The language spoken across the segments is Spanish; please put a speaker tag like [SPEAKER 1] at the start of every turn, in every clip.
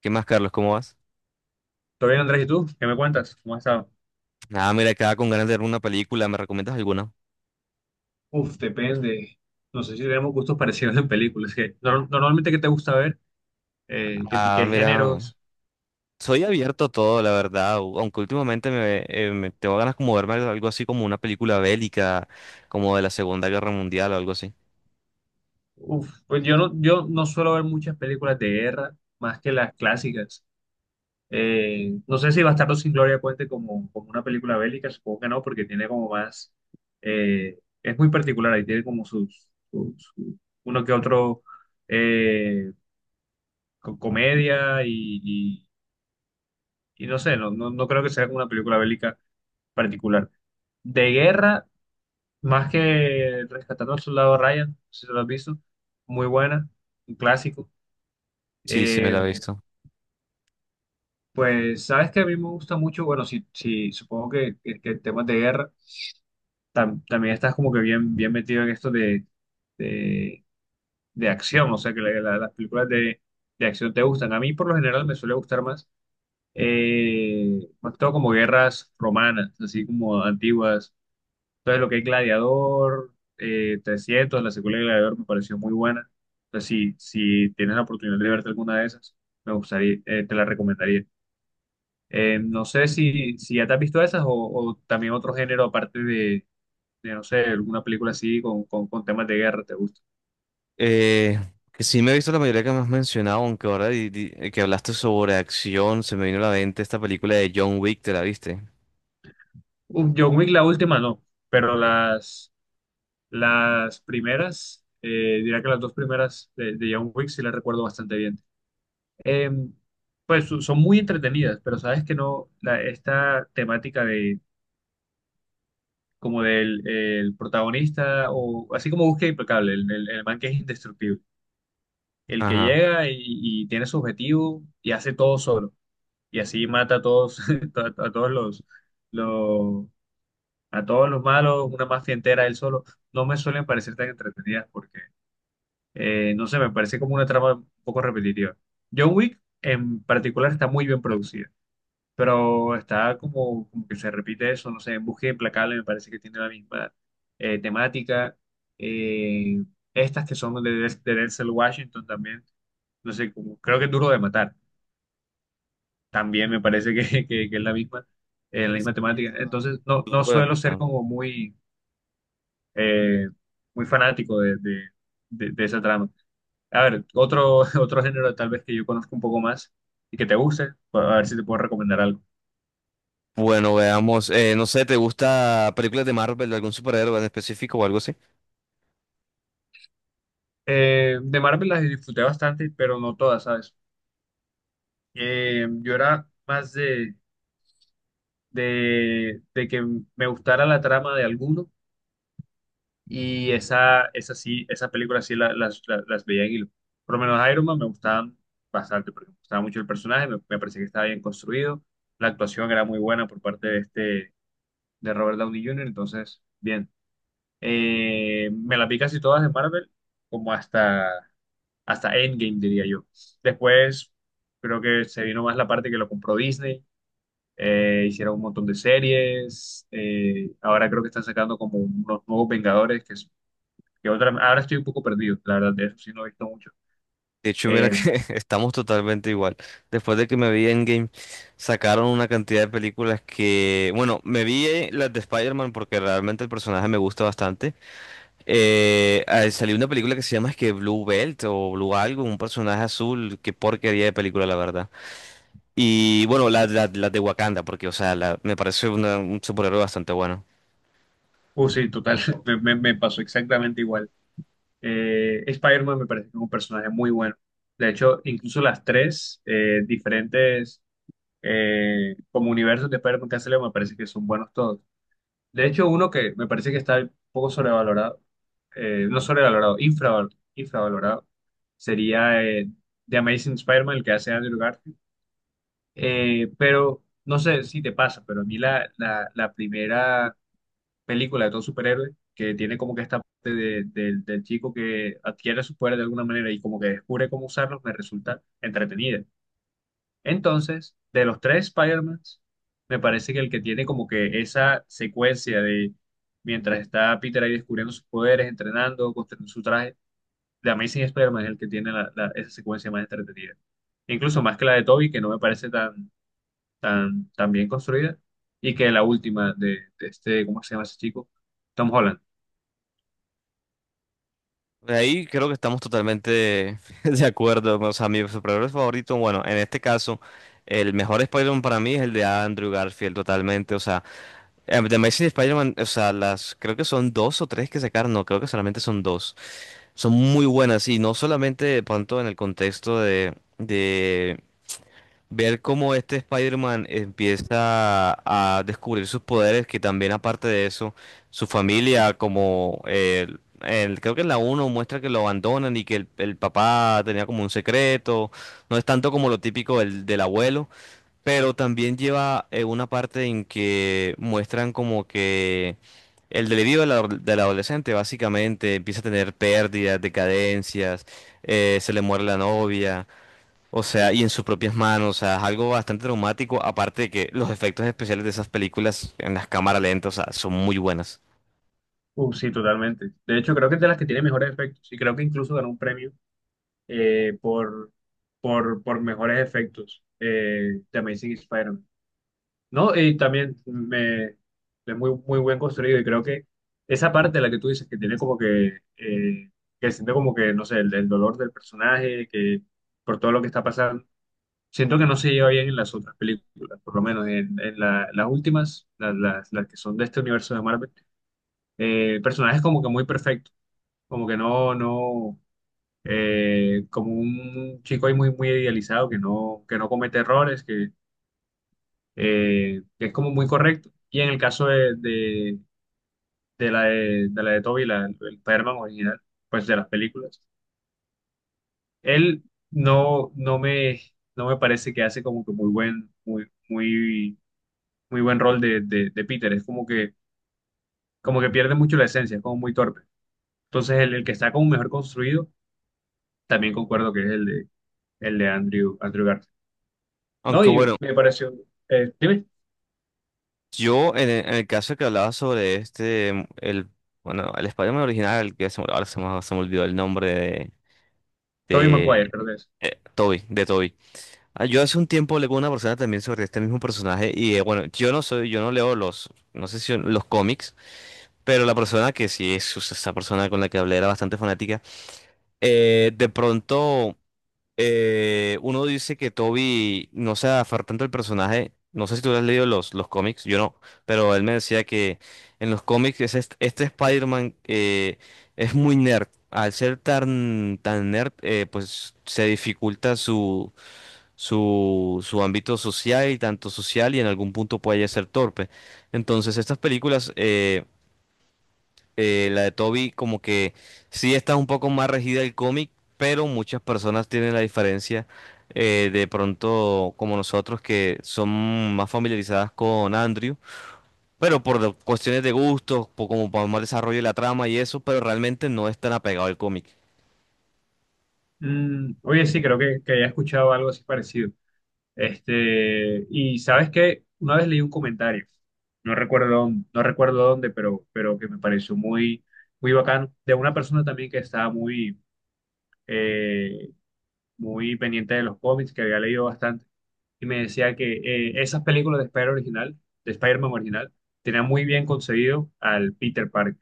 [SPEAKER 1] ¿Qué más, Carlos? ¿Cómo vas?
[SPEAKER 2] ¿Todo bien, Andrés? ¿Y tú? ¿Qué me cuentas? ¿Cómo has estado?
[SPEAKER 1] Ah, mira, acá con ganas de ver una película, ¿me recomiendas alguna?
[SPEAKER 2] Uf, depende. No sé si tenemos gustos parecidos en películas. Que nor- normalmente, ¿qué te gusta ver? ¿
[SPEAKER 1] Ah,
[SPEAKER 2] qué
[SPEAKER 1] mira,
[SPEAKER 2] géneros?
[SPEAKER 1] soy abierto a todo, la verdad, aunque últimamente tengo ganas como verme algo así como una película bélica, como de la Segunda Guerra Mundial o algo así.
[SPEAKER 2] Uf, pues yo no suelo ver muchas películas de guerra, más que las clásicas. No sé si Bastardo sin Gloria cuente como una película bélica, supongo que no, porque tiene como más... es muy particular, ahí tiene como uno que otro eh, comedia y no sé, no creo que sea una película bélica particular. De guerra, más que Rescatando al Soldado Ryan, no sé si lo has visto, muy buena, un clásico.
[SPEAKER 1] Sí, sí, me
[SPEAKER 2] Eh,
[SPEAKER 1] la he visto.
[SPEAKER 2] pues sabes que a mí me gusta mucho, bueno, si supongo que temas de guerra, también estás como que bien metido en esto de, de acción, o sea que las películas de acción te gustan. A mí por lo general me suele gustar más, más que todo como guerras romanas, así como antiguas. Entonces, lo que es Gladiador, 300, la secuela de Gladiador me pareció muy buena. Entonces, si, si tienes la oportunidad de verte alguna de esas, me gustaría, te la recomendaría. No sé si, si ya te has visto esas o también otro género aparte no sé, alguna película así con temas de guerra, ¿te gusta?
[SPEAKER 1] Eh, que sí me he visto la mayoría que me has mencionado, aunque ahora que hablaste sobre acción, se me vino a la mente esta película de John Wick, ¿te la viste?
[SPEAKER 2] Uf, John Wick, la última no, pero las primeras, diría que las dos primeras de John Wick sí las recuerdo bastante bien. Eh, Son muy entretenidas, pero sabes que no, la, esta temática de como del el protagonista, o así como Búsqueda Implacable, el man que es indestructible, el que
[SPEAKER 1] Ajá.
[SPEAKER 2] llega y tiene su objetivo y hace todo solo, y así mata a todos, a todos los, los, a todos los malos, una mafia entera él solo, no me suelen parecer tan entretenidas porque, no sé, me parece como una trama un poco repetitiva. John Wick en particular está muy bien producida pero está como que se repite eso, no sé, en Búsqueda Implacable me parece que tiene la misma temática. Eh, estas que son de Denzel Washington también, no sé, como, creo que es Duro de Matar, también me parece que es
[SPEAKER 1] Creo
[SPEAKER 2] la
[SPEAKER 1] que se
[SPEAKER 2] misma temática.
[SPEAKER 1] llama
[SPEAKER 2] Entonces, no
[SPEAKER 1] Turbo de
[SPEAKER 2] suelo ser
[SPEAKER 1] Matar.
[SPEAKER 2] como muy, eh, muy fanático de esa trama. A ver, otro, otro género tal vez que yo conozco un poco más y que te guste, pues, a ver si te puedo recomendar algo.
[SPEAKER 1] Bueno, veamos. No sé, ¿te gusta películas de Marvel, de algún superhéroe en específico o algo así?
[SPEAKER 2] De Marvel las disfruté bastante, pero no todas, ¿sabes? Yo era más de que me gustara la trama de alguno y esa sí, esas películas sí las veía en hilo. Por lo menos Iron Man me gustaban bastante porque me gustaba mucho el personaje, me parecía que estaba bien construido, la actuación era muy buena por parte de este, de Robert Downey Jr., entonces, bien. Me la vi casi todas de Marvel, como hasta... hasta Endgame, diría yo. Después, creo que se vino más la parte que lo compró Disney. Hicieron un montón de series. Ahora creo que están sacando como unos nuevos Vengadores, que otra, ahora estoy un poco perdido, la verdad, de eso sí no he visto mucho.
[SPEAKER 1] De hecho, mira
[SPEAKER 2] Eh,
[SPEAKER 1] que estamos totalmente igual. Después de que me vi Endgame, sacaron una cantidad de películas que, bueno, me vi las de Spider-Man porque realmente el personaje me gusta bastante. Salió una película que se llama es que Blue Belt o Blue algo, un personaje azul. Qué porquería de película, la verdad. Y bueno, las de Wakanda, porque, o sea, me parece un superhéroe bastante bueno.
[SPEAKER 2] sí, total, me pasó exactamente igual. Spider-Man me parece que es un personaje muy bueno. De hecho, incluso las tres diferentes como universos de Spider-Man que han salido me parece que son buenos todos. De hecho, uno que me parece que está un poco sobrevalorado, no sobrevalorado, infravalorado, sería The Amazing Spider-Man, el que hace Andrew Garfield. Pero no sé si te pasa, pero a mí la primera película de todo superhéroe, que tiene como que esta parte del chico que adquiere sus poderes de alguna manera y como que descubre cómo usarlos, me resulta entretenida. Entonces, de los tres Spider-Mans, me parece que el que tiene como que esa secuencia de mientras está Peter ahí descubriendo sus poderes, entrenando, construyendo su traje, de Amazing Spider-Man es el que tiene esa secuencia más entretenida. Incluso más que la de Toby, que no me parece tan bien construida, y que la última de este, ¿cómo se llama ese chico? Tom Holland.
[SPEAKER 1] De ahí creo que estamos totalmente de acuerdo. O sea, mi superhéroe favorito, bueno, en este caso, el mejor Spider-Man para mí es el de Andrew Garfield, totalmente. O sea, The Amazing Spider-Man, o sea, las creo que son dos o tres que sacaron, no, creo que solamente son dos, son muy buenas y no solamente de pronto en el contexto de ver cómo este Spider-Man empieza a descubrir sus poderes, que también aparte de eso, su familia, creo que en la uno muestra que lo abandonan y que el papá tenía como un secreto, no es tanto como lo típico del abuelo. Pero también lleva una parte en que muestran como que el delirio del adolescente básicamente empieza a tener pérdidas, decadencias, se le muere la novia, o sea, y en sus propias manos, o sea, es algo bastante traumático, aparte de que los efectos especiales de esas películas en las cámaras lentas, o sea, son muy buenas.
[SPEAKER 2] Sí, totalmente. De hecho, creo que es de las que tiene mejores efectos, y creo que incluso ganó un premio eh, por, por, mejores efectos. The Amazing Spider-Man. No, y también es muy, muy buen construido y creo que esa parte de la que tú dices que tiene como que siente como que, no sé, el dolor del personaje, que por todo lo que está pasando, siento que no se lleva bien en las otras películas, por lo menos en las últimas, las que son de este universo de Marvel, el personaje es como que muy perfecto, como que no, no como un chico ahí muy, muy idealizado, que no comete errores, que es como muy correcto. Y en el caso de de la de Toby, la, el Spider-Man original, pues de las películas, él no, no me, no me parece que hace como que muy buen, muy buen rol de Peter. Es como que pierde mucho la esencia, es como muy torpe. Entonces, el que está como mejor construido, también concuerdo que es el de Andrew Garfield. ¿No?
[SPEAKER 1] Aunque
[SPEAKER 2] Y
[SPEAKER 1] bueno,
[SPEAKER 2] me pareció, dime,
[SPEAKER 1] yo en el caso que hablaba sobre bueno, el Spider-Man original, que ahora se me olvidó el nombre
[SPEAKER 2] Tobey
[SPEAKER 1] de
[SPEAKER 2] Maguire, creo que es.
[SPEAKER 1] Toby, de Toby. Ah, yo hace un tiempo leí con una persona también sobre este mismo personaje y, bueno, yo no soy, yo no leo los, no sé si los cómics, pero la persona que sí es, o sea, esa persona con la que hablé era bastante fanática, de pronto uno dice que Toby no se aferra tanto al personaje, no sé si tú has leído los cómics, yo no, pero él me decía que en los cómics es este Spider-Man, es muy nerd, al ser tan, tan nerd, pues se dificulta su ámbito social, y tanto social y en algún punto puede ser torpe. Entonces, estas películas, la de Toby, como que sí está un poco más regida el cómic, pero muchas personas tienen la diferencia, de pronto como nosotros que son más familiarizadas con Andrew, pero cuestiones de gusto por, como por más desarrollo de la trama y eso, pero realmente no es tan apegado al cómic.
[SPEAKER 2] Mm, oye, sí, que he escuchado algo así parecido. Este, y sabes que una vez leí un comentario, no recuerdo dónde, pero que me pareció muy, muy bacán, de una persona también que estaba muy, eh, muy pendiente de los cómics, que había leído bastante, y me decía que esas películas de Spider original, de Spider-Man original, tenían muy bien concebido al Peter Parker.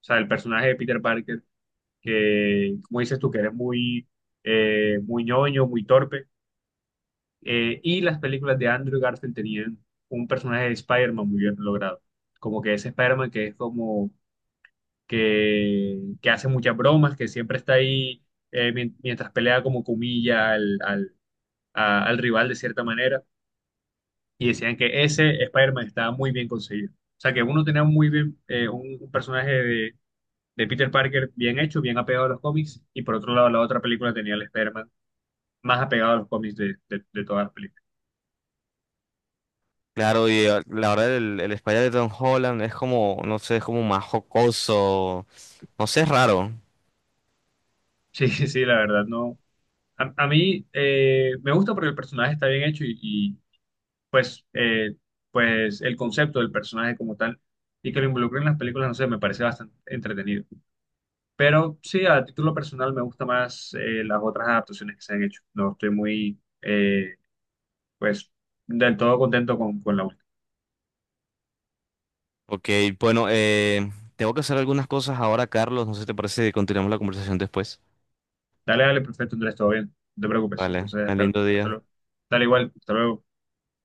[SPEAKER 2] O sea, el personaje de Peter Parker que, como dices tú, que eres muy, muy ñoño, muy torpe. Y las películas de Andrew Garfield tenían un personaje de Spider-Man muy bien logrado. Como que ese Spider-Man que es como que hace muchas bromas, que siempre está ahí mientras pelea como comilla al rival de cierta manera. Y decían que ese Spider-Man estaba muy bien conseguido. O sea, que uno tenía muy bien un personaje de Peter Parker bien hecho, bien apegado a los cómics, y por otro lado la otra película tenía el spider más apegado a los cómics de todas las películas.
[SPEAKER 1] Claro, y la verdad el Spider de Tom Holland es como, no sé, es como más jocoso. No sé, es raro.
[SPEAKER 2] Sí, sí, la verdad, no. A mí me gusta porque el personaje está bien hecho y, pues, pues el concepto del personaje como tal y que lo involucren en las películas, no sé, me parece bastante entretenido. Pero sí, a título personal me gusta más las otras adaptaciones que se han hecho. No estoy muy, pues, del todo contento con la última.
[SPEAKER 1] Ok, bueno, tengo que hacer algunas cosas ahora, Carlos. No sé si te parece que continuemos la conversación después.
[SPEAKER 2] Dale, dale, perfecto, Andrés, todo bien. No te preocupes.
[SPEAKER 1] Vale,
[SPEAKER 2] Entonces,
[SPEAKER 1] tan lindo
[SPEAKER 2] hasta
[SPEAKER 1] día.
[SPEAKER 2] luego. Dale igual, hasta luego.